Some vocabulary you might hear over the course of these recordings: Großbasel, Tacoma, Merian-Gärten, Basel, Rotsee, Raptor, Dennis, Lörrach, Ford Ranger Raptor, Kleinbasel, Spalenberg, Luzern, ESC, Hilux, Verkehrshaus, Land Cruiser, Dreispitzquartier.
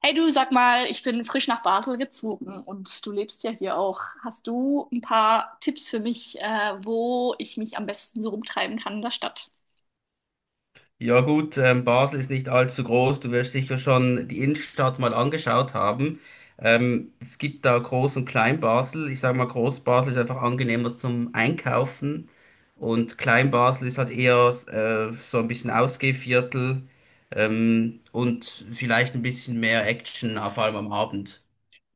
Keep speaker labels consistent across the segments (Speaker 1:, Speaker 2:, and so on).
Speaker 1: Hey du, sag mal, ich bin frisch nach Basel gezogen und du lebst ja hier auch. Hast du ein paar Tipps für mich, wo ich mich am besten so rumtreiben kann in der Stadt?
Speaker 2: Ja gut, Basel ist nicht allzu groß. Du wirst sicher schon die Innenstadt mal angeschaut haben. Es gibt da Groß- und Klein-Basel. Ich sage mal, Groß-Basel ist einfach angenehmer zum Einkaufen und Klein-Basel ist halt eher so ein bisschen Ausgehviertel und vielleicht ein bisschen mehr Action, vor allem am Abend.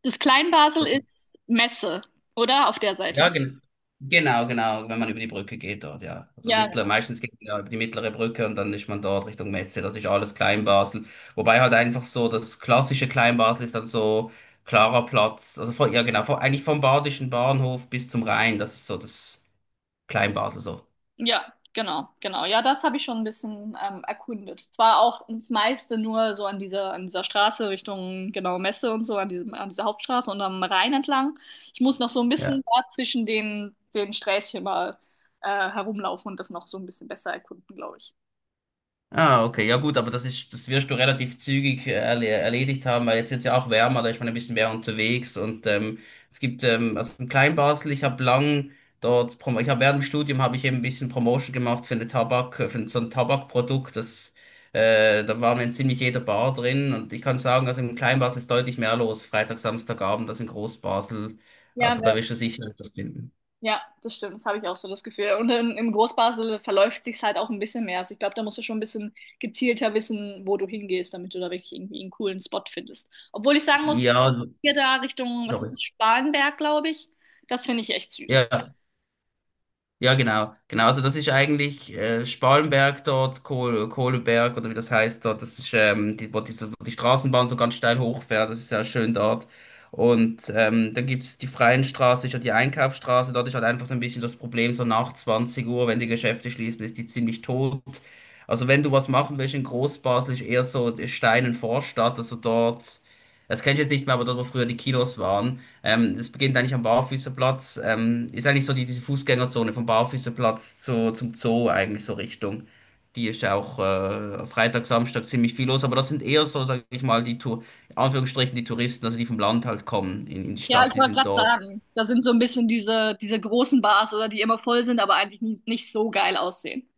Speaker 1: Das Kleinbasel ist Messe, oder? Auf der Seite.
Speaker 2: Ja, genau, genau, wenn man über die Brücke geht dort, ja. Also
Speaker 1: Ja,
Speaker 2: meistens geht man ja über die mittlere Brücke und dann ist man dort Richtung Messe, das ist alles Kleinbasel. Wobei halt einfach so das klassische Kleinbasel ist dann so klarer Platz, also ja genau, von, eigentlich vom Badischen Bahnhof bis zum Rhein, das ist so das Kleinbasel so.
Speaker 1: ja, genau, genau. Ja, das habe ich schon ein bisschen erkundet. Zwar auch das meiste nur so an dieser Straße Richtung, genau, Messe und so, an dieser Hauptstraße und am Rhein entlang. Ich muss noch so ein bisschen
Speaker 2: Ja.
Speaker 1: da zwischen den Sträßchen mal herumlaufen und das noch so ein bisschen besser erkunden, glaube ich.
Speaker 2: Ah, okay, ja gut, aber das wirst du relativ zügig erledigt haben, weil jetzt wird's ja auch wärmer, da ist man ein bisschen mehr unterwegs und es gibt, also in Kleinbasel, ich habe lang dort, prom- ich habe während dem Studium habe ich eben ein bisschen Promotion gemacht für eine Tabak, für so ein Tabakprodukt, da waren wir in ziemlich jeder Bar drin und ich kann sagen, also in Kleinbasel ist deutlich mehr los, Freitag, Samstagabend, als in Großbasel,
Speaker 1: Ja,
Speaker 2: also da wirst du sicher etwas finden.
Speaker 1: ja, das stimmt. Das habe ich auch so das Gefühl. Und im Großbasel verläuft sich's halt auch ein bisschen mehr. Also ich glaube, da musst du schon ein bisschen gezielter wissen, wo du hingehst, damit du da wirklich irgendwie einen coolen Spot findest. Obwohl ich sagen muss,
Speaker 2: Ja,
Speaker 1: hier da Richtung, was ist
Speaker 2: sorry.
Speaker 1: das, Spalenberg, glaube ich, das finde ich echt
Speaker 2: Ja,
Speaker 1: süß.
Speaker 2: ja. Ja, genau, genau. Also das ist eigentlich Spalenberg dort, Kohleberg oder wie das heißt dort. Das ist, wo die Straßenbahn so ganz steil hochfährt. Das ist ja schön dort. Und dann gibt's die freien Straße, ist ja die Einkaufsstraße. Dort ist halt einfach so ein bisschen das Problem, so nach 20 Uhr, wenn die Geschäfte schließen, ist die ziemlich tot. Also wenn du was machen willst in Großbasel, ist eher so Steinen Vorstadt, also dort, das kenne ich jetzt nicht mehr, aber dort, wo früher die Kinos waren. Das beginnt eigentlich am Barfüßerplatz. Ist eigentlich so diese Fußgängerzone vom Barfüßerplatz zum Zoo eigentlich so Richtung. Die ist ja auch Freitag, Samstag ziemlich viel los, aber das sind eher so, sag ich mal, in Anführungsstrichen die Touristen, also die vom Land halt kommen in die
Speaker 1: Ja, ich
Speaker 2: Stadt, die
Speaker 1: wollte
Speaker 2: sind
Speaker 1: gerade
Speaker 2: dort.
Speaker 1: sagen, da sind so ein bisschen diese großen Bars oder die immer voll sind, aber eigentlich nie, nicht so geil aussehen.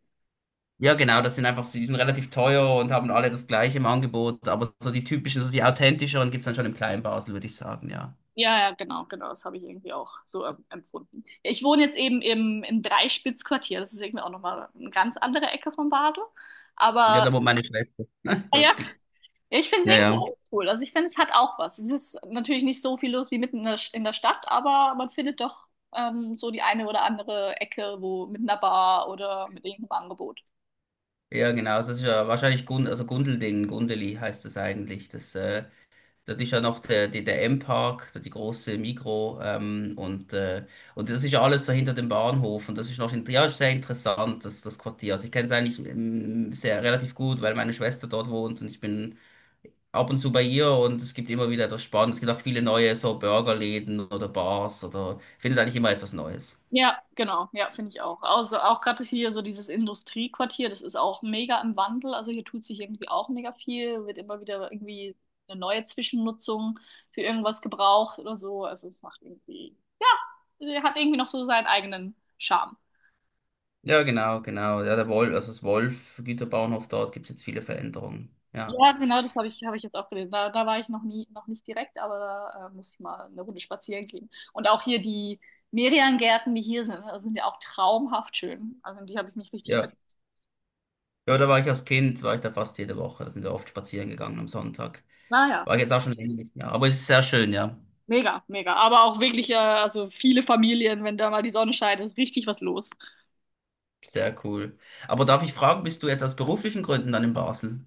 Speaker 2: Ja, genau, das sind einfach, die sind relativ teuer und haben alle das gleiche im Angebot, aber so die typischen, so die authentischeren gibt es dann schon im kleinen Basel, würde ich sagen, ja.
Speaker 1: Ja, ja, genau, genau, das habe ich irgendwie auch so empfunden. Ja, ich wohne jetzt eben im Dreispitzquartier, das ist irgendwie auch nochmal eine ganz andere Ecke von Basel,
Speaker 2: Ja,
Speaker 1: aber
Speaker 2: da wohnt meine Schwester.
Speaker 1: ah ja,
Speaker 2: Lustig.
Speaker 1: ja, ich finde es
Speaker 2: Ja,
Speaker 1: irgendwie
Speaker 2: ja.
Speaker 1: auch cool, also ich finde, es hat auch was. Es ist natürlich nicht so viel los wie mitten in der Stadt, aber man findet doch so die eine oder andere Ecke, wo mit einer Bar oder mit irgendeinem Angebot.
Speaker 2: Ja, genau, also das ist ja wahrscheinlich also Gundelding, Gundeli heißt das eigentlich. Das ist ja noch der M-Park, die große Migro, und das ist ja alles so hinter dem Bahnhof und das ist noch in, ja, ist sehr interessant, das Quartier. Also ich kenne es eigentlich sehr relativ gut, weil meine Schwester dort wohnt und ich bin ab und zu bei ihr und es gibt immer wieder etwas Spannendes. Es gibt auch viele neue so Burgerläden oder Bars oder findet eigentlich immer etwas Neues.
Speaker 1: Ja, genau. Ja, finde ich auch. Also auch gerade hier so dieses Industriequartier, das ist auch mega im Wandel. Also hier tut sich irgendwie auch mega viel, wird immer wieder irgendwie eine neue Zwischennutzung für irgendwas gebraucht oder so. Also es macht irgendwie, ja, hat irgendwie noch so seinen eigenen Charme.
Speaker 2: Ja, genau, genau. Ja, der Wolf, also das Wolf-Güterbahnhof dort gibt es jetzt viele Veränderungen. Ja.
Speaker 1: Ja, genau, das habe ich jetzt auch gelesen. Da war ich noch nie, noch nicht direkt, aber da muss ich mal eine Runde spazieren gehen. Und auch hier die Merian-Gärten, die hier sind, also sind ja auch traumhaft schön. Also in die habe ich mich richtig
Speaker 2: Ja.
Speaker 1: verliebt.
Speaker 2: Ja, da war ich als Kind, war ich da fast jede Woche. Da sind wir oft spazieren gegangen am Sonntag.
Speaker 1: Naja.
Speaker 2: War ich jetzt auch schon länger nicht mehr. Aber es ist sehr schön, ja.
Speaker 1: Mega, mega. Aber auch wirklich, also viele Familien, wenn da mal die Sonne scheint, ist richtig was los.
Speaker 2: Sehr cool. Aber darf ich fragen, bist du jetzt aus beruflichen Gründen dann in Basel?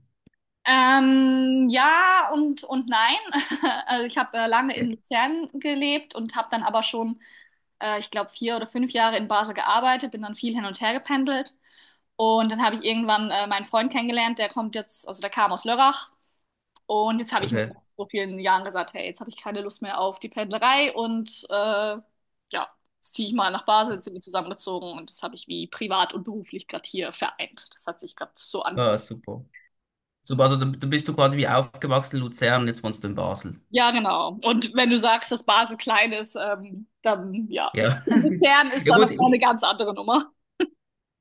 Speaker 1: Ja und nein. Also ich habe lange in
Speaker 2: Nee.
Speaker 1: Luzern gelebt und habe dann aber schon, ich glaube, vier oder fünf Jahre in Basel gearbeitet, bin dann viel hin und her gependelt. Und dann habe ich irgendwann meinen Freund kennengelernt, der kommt jetzt, also der kam aus Lörrach. Und jetzt habe ich mir
Speaker 2: Okay.
Speaker 1: nach so vielen Jahren gesagt, hey, jetzt habe ich keine Lust mehr auf die Pendlerei und ja, jetzt ziehe ich mal nach Basel, jetzt sind wir zusammengezogen und das habe ich wie privat und beruflich gerade hier vereint. Das hat sich gerade so
Speaker 2: Ah,
Speaker 1: angeboten.
Speaker 2: super. Super, also dann bist du quasi wie aufgewachsen in Luzern, jetzt wohnst du in Basel.
Speaker 1: Ja, genau. Und wenn du sagst, dass Basel klein ist, dann ja,
Speaker 2: Ja.
Speaker 1: Luzern ist
Speaker 2: Ja
Speaker 1: da
Speaker 2: gut,
Speaker 1: noch mal
Speaker 2: ich,
Speaker 1: eine ganz andere Nummer.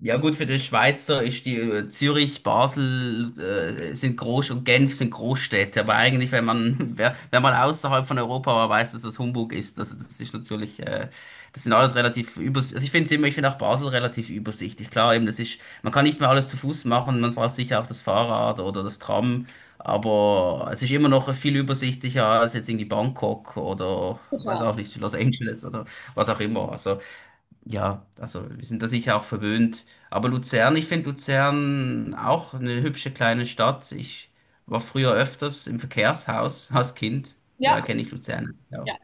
Speaker 2: Ja gut, für den Schweizer ist die Zürich, Basel sind Groß und Genf sind Großstädte, aber eigentlich, wenn man wenn man außerhalb von Europa war, weiß, dass das Humbug ist. Also das ist natürlich, das sind alles relativ übersichtlich. Also ich finde immer, ich finde auch Basel relativ übersichtlich. Klar, eben, man kann nicht mehr alles zu Fuß machen, man braucht sicher auch das Fahrrad oder das Tram, aber es ist immer noch viel übersichtlicher als jetzt irgendwie Bangkok oder weiß
Speaker 1: Total.
Speaker 2: auch nicht, Los Angeles oder was auch immer. Also ja, also wir sind da sicher auch verwöhnt. Aber Luzern, ich finde Luzern auch eine hübsche kleine Stadt. Ich war früher öfters im Verkehrshaus als Kind.
Speaker 1: Ja,
Speaker 2: Daher kenne ich Luzern
Speaker 1: ja,
Speaker 2: auch.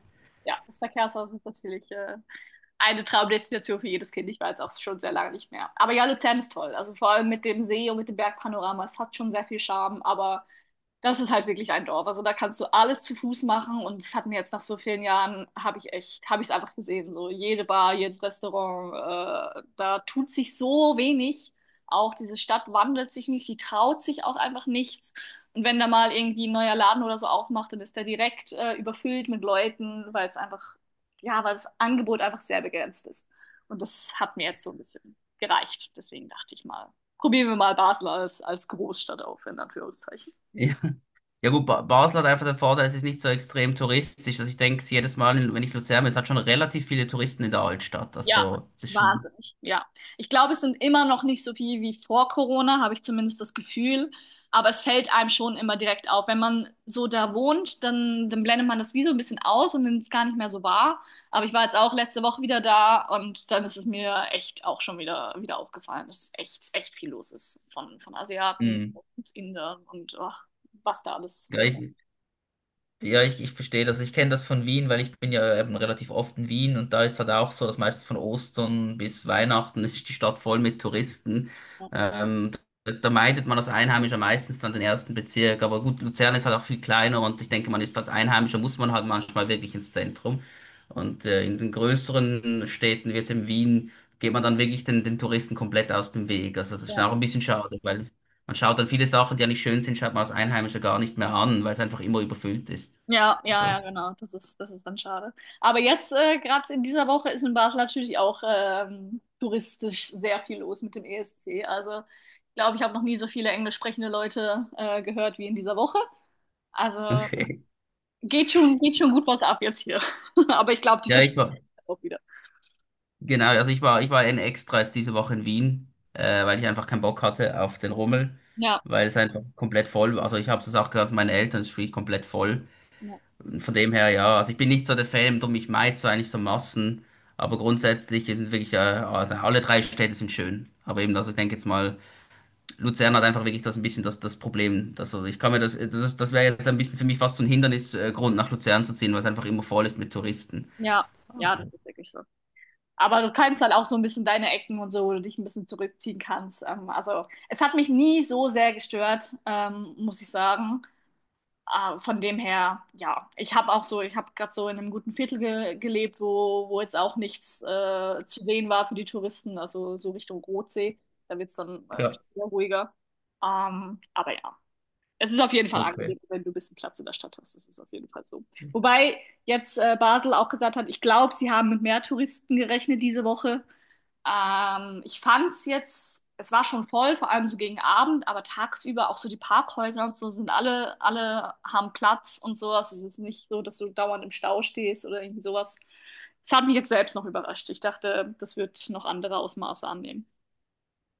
Speaker 1: ja. Das Verkehrshaus ist natürlich eine Traumdestination für jedes Kind. Ich war jetzt auch schon sehr lange nicht mehr. Aber ja, Luzern ist toll. Also vor allem mit dem See und mit dem Bergpanorama. Es hat schon sehr viel Charme, aber das ist halt wirklich ein Dorf. Also da kannst du alles zu Fuß machen und das hat mir jetzt nach so vielen Jahren, habe ich echt, habe ich es einfach gesehen. So jede Bar, jedes Restaurant, da tut sich so wenig. Auch diese Stadt wandelt sich nicht, die traut sich auch einfach nichts. Und wenn da mal irgendwie ein neuer Laden oder so aufmacht, dann ist der direkt überfüllt mit Leuten, weil es einfach, ja, weil das Angebot einfach sehr begrenzt ist. Und das hat mir jetzt so ein bisschen gereicht. Deswegen dachte ich mal, probieren wir mal Basel als Großstadt auf, in Anführungszeichen.
Speaker 2: Ja, ja gut, ba Basel hat einfach den Vorteil, es ist nicht so extrem touristisch. Also ich denke, jedes Mal, wenn ich Luzern bin, es hat schon relativ viele Touristen in der Altstadt.
Speaker 1: Ja,
Speaker 2: Also es ist schon...
Speaker 1: wahnsinnig. Ja. Ich glaube, es sind immer noch nicht so viel wie vor Corona, habe ich zumindest das Gefühl. Aber es fällt einem schon immer direkt auf. Wenn man so da wohnt, dann blendet man das wie so ein bisschen aus und nimmt es gar nicht mehr so wahr. Aber ich war jetzt auch letzte Woche wieder da und dann ist es mir echt auch schon wieder, wieder aufgefallen, dass echt, echt viel los ist von Asiaten
Speaker 2: Mh.
Speaker 1: und Indern und oh, was da alles
Speaker 2: Ja,
Speaker 1: rum.
Speaker 2: ich, Ja, ich verstehe das. Ich kenne das von Wien, weil ich bin ja eben relativ oft in Wien und da ist halt auch so, dass meistens von Ostern bis Weihnachten ist die Stadt voll mit Touristen. Ähm, da meidet man als Einheimischer meistens dann den ersten Bezirk. Aber gut, Luzern ist halt auch viel kleiner und ich denke, man ist als Einheimischer, muss man halt manchmal wirklich ins Zentrum. Und in den größeren Städten, wie jetzt in Wien, geht man dann wirklich den Touristen komplett aus dem Weg. Also das ist
Speaker 1: Ja.
Speaker 2: auch ein bisschen schade, weil man schaut dann viele Sachen, die ja nicht schön sind, schaut man als Einheimischer gar nicht mehr an, weil es einfach immer überfüllt ist.
Speaker 1: Ja, ja, ja,
Speaker 2: Also,
Speaker 1: genau. Das ist dann schade. Aber jetzt, gerade in dieser Woche, ist in Basel natürlich auch touristisch sehr viel los mit dem ESC. Also, ich glaube, ich habe noch nie so viele englisch sprechende Leute gehört wie in dieser Woche. Also,
Speaker 2: Okay.
Speaker 1: geht schon gut was ab jetzt hier. Aber ich glaube, die
Speaker 2: ja, ich
Speaker 1: verstehen
Speaker 2: war,
Speaker 1: das auch wieder.
Speaker 2: genau, also ich war in extra jetzt diese Woche in Wien, weil ich einfach keinen Bock hatte auf den Rummel,
Speaker 1: Ja,
Speaker 2: weil es einfach komplett voll war. Also ich habe das auch gehört von meinen Eltern, es ist wirklich komplett voll.
Speaker 1: ja,
Speaker 2: Von dem her, ja, also ich bin nicht so der Fan, darum ich meide so eigentlich so Massen, aber grundsätzlich sind wirklich, also alle drei Städte sind schön. Aber eben, also ich denke jetzt mal, Luzern hat einfach wirklich das ein bisschen das, das Problem. Also ich kann mir das wäre jetzt ein bisschen für mich fast so ein Hindernisgrund, nach Luzern zu ziehen, weil es einfach immer voll ist mit Touristen.
Speaker 1: ja, ja, das ist wirklich so. Aber du kannst halt auch so ein bisschen deine Ecken und so, wo du dich ein bisschen zurückziehen kannst. Also, es hat mich nie so sehr gestört, muss ich sagen. Ah, von dem her, ja, ich habe auch so, ich habe gerade so in einem guten Viertel ge gelebt, wo jetzt auch nichts zu sehen war für die Touristen, also so Richtung Rotsee. Da wird's dann
Speaker 2: Ja,
Speaker 1: wieder ruhiger. Aber ja. Es ist auf jeden Fall
Speaker 2: Okay.
Speaker 1: angenehm, wenn du ein bisschen Platz in der Stadt hast. Das ist auf jeden Fall so. Wobei jetzt Basel auch gesagt hat, ich glaube, sie haben mit mehr Touristen gerechnet diese Woche. Ich fand es jetzt, es war schon voll, vor allem so gegen Abend, aber tagsüber auch so die Parkhäuser und so sind alle, alle haben Platz und so. Also es ist nicht so, dass du dauernd im Stau stehst oder irgendwie sowas. Das hat mich jetzt selbst noch überrascht. Ich dachte, das wird noch andere Ausmaße annehmen.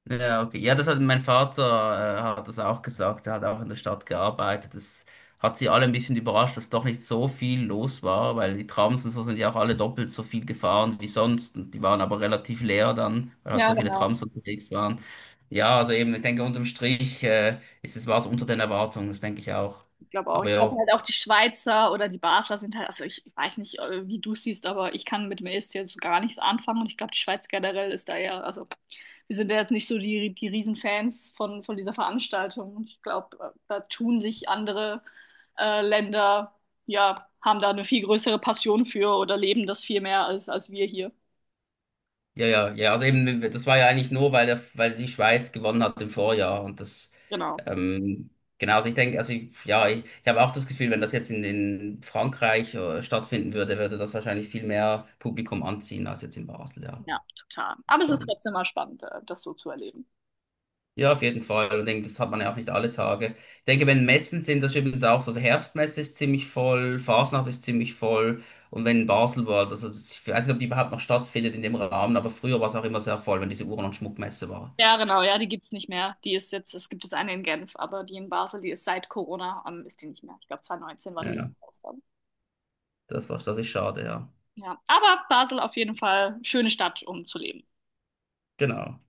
Speaker 2: Ja, okay. Ja, das hat mein Vater, hat das auch gesagt. Er hat auch in der Stadt gearbeitet. Das hat sie alle ein bisschen überrascht, dass doch nicht so viel los war, weil die Trams und so sind ja auch alle doppelt so viel gefahren wie sonst. Und die waren aber relativ leer dann, weil halt
Speaker 1: Ja,
Speaker 2: so viele
Speaker 1: genau.
Speaker 2: Trams unterwegs waren. Ja, also eben, ich denke, unterm Strich, war es unter den Erwartungen, das denke ich auch.
Speaker 1: Ich glaube auch.
Speaker 2: Aber
Speaker 1: Ich, also
Speaker 2: ja,
Speaker 1: halt auch die Schweizer oder die Basler sind halt, also ich weiß nicht, wie du es siehst, aber ich kann mit Milch jetzt so gar nichts anfangen und ich glaube, die Schweiz generell ist da eher, also wir sind ja jetzt nicht so die Riesenfans von dieser Veranstaltung. Und ich glaube, da tun sich andere Länder, ja, haben da eine viel größere Passion für oder leben das viel mehr als, als wir hier.
Speaker 2: Ja, ja, ja. Also eben, das war ja eigentlich nur, weil die Schweiz gewonnen hat im Vorjahr.
Speaker 1: Genau.
Speaker 2: Ähm, genau, also ich denke, ich habe auch das Gefühl, wenn das jetzt in Frankreich stattfinden würde, würde das wahrscheinlich viel mehr Publikum anziehen als jetzt in Basel, ja.
Speaker 1: Ja, total. Aber es ist
Speaker 2: Schon.
Speaker 1: trotzdem mal spannend, das so zu erleben.
Speaker 2: Ja, auf jeden Fall. Und ich denke, das hat man ja auch nicht alle Tage. Ich denke, wenn Messen sind, das ist übrigens auch so. Also Herbstmesse ist ziemlich voll, Fasnacht ist ziemlich voll. Und wenn Basel war, also ich weiß nicht, ob die überhaupt noch stattfindet in dem Rahmen, aber früher war es auch immer sehr voll, wenn diese Uhren- und Schmuckmesse war.
Speaker 1: Ja, genau, ja, die gibt's nicht mehr. Die ist jetzt, es gibt jetzt eine in Genf, aber die in Basel, die ist seit Corona, ist die nicht mehr. Ich glaube, 2019 war die
Speaker 2: Ja,
Speaker 1: letzte
Speaker 2: ja.
Speaker 1: Ausgabe.
Speaker 2: das war das ist schade, ja.
Speaker 1: Ja, aber Basel auf jeden Fall schöne Stadt, um zu leben.
Speaker 2: Genau.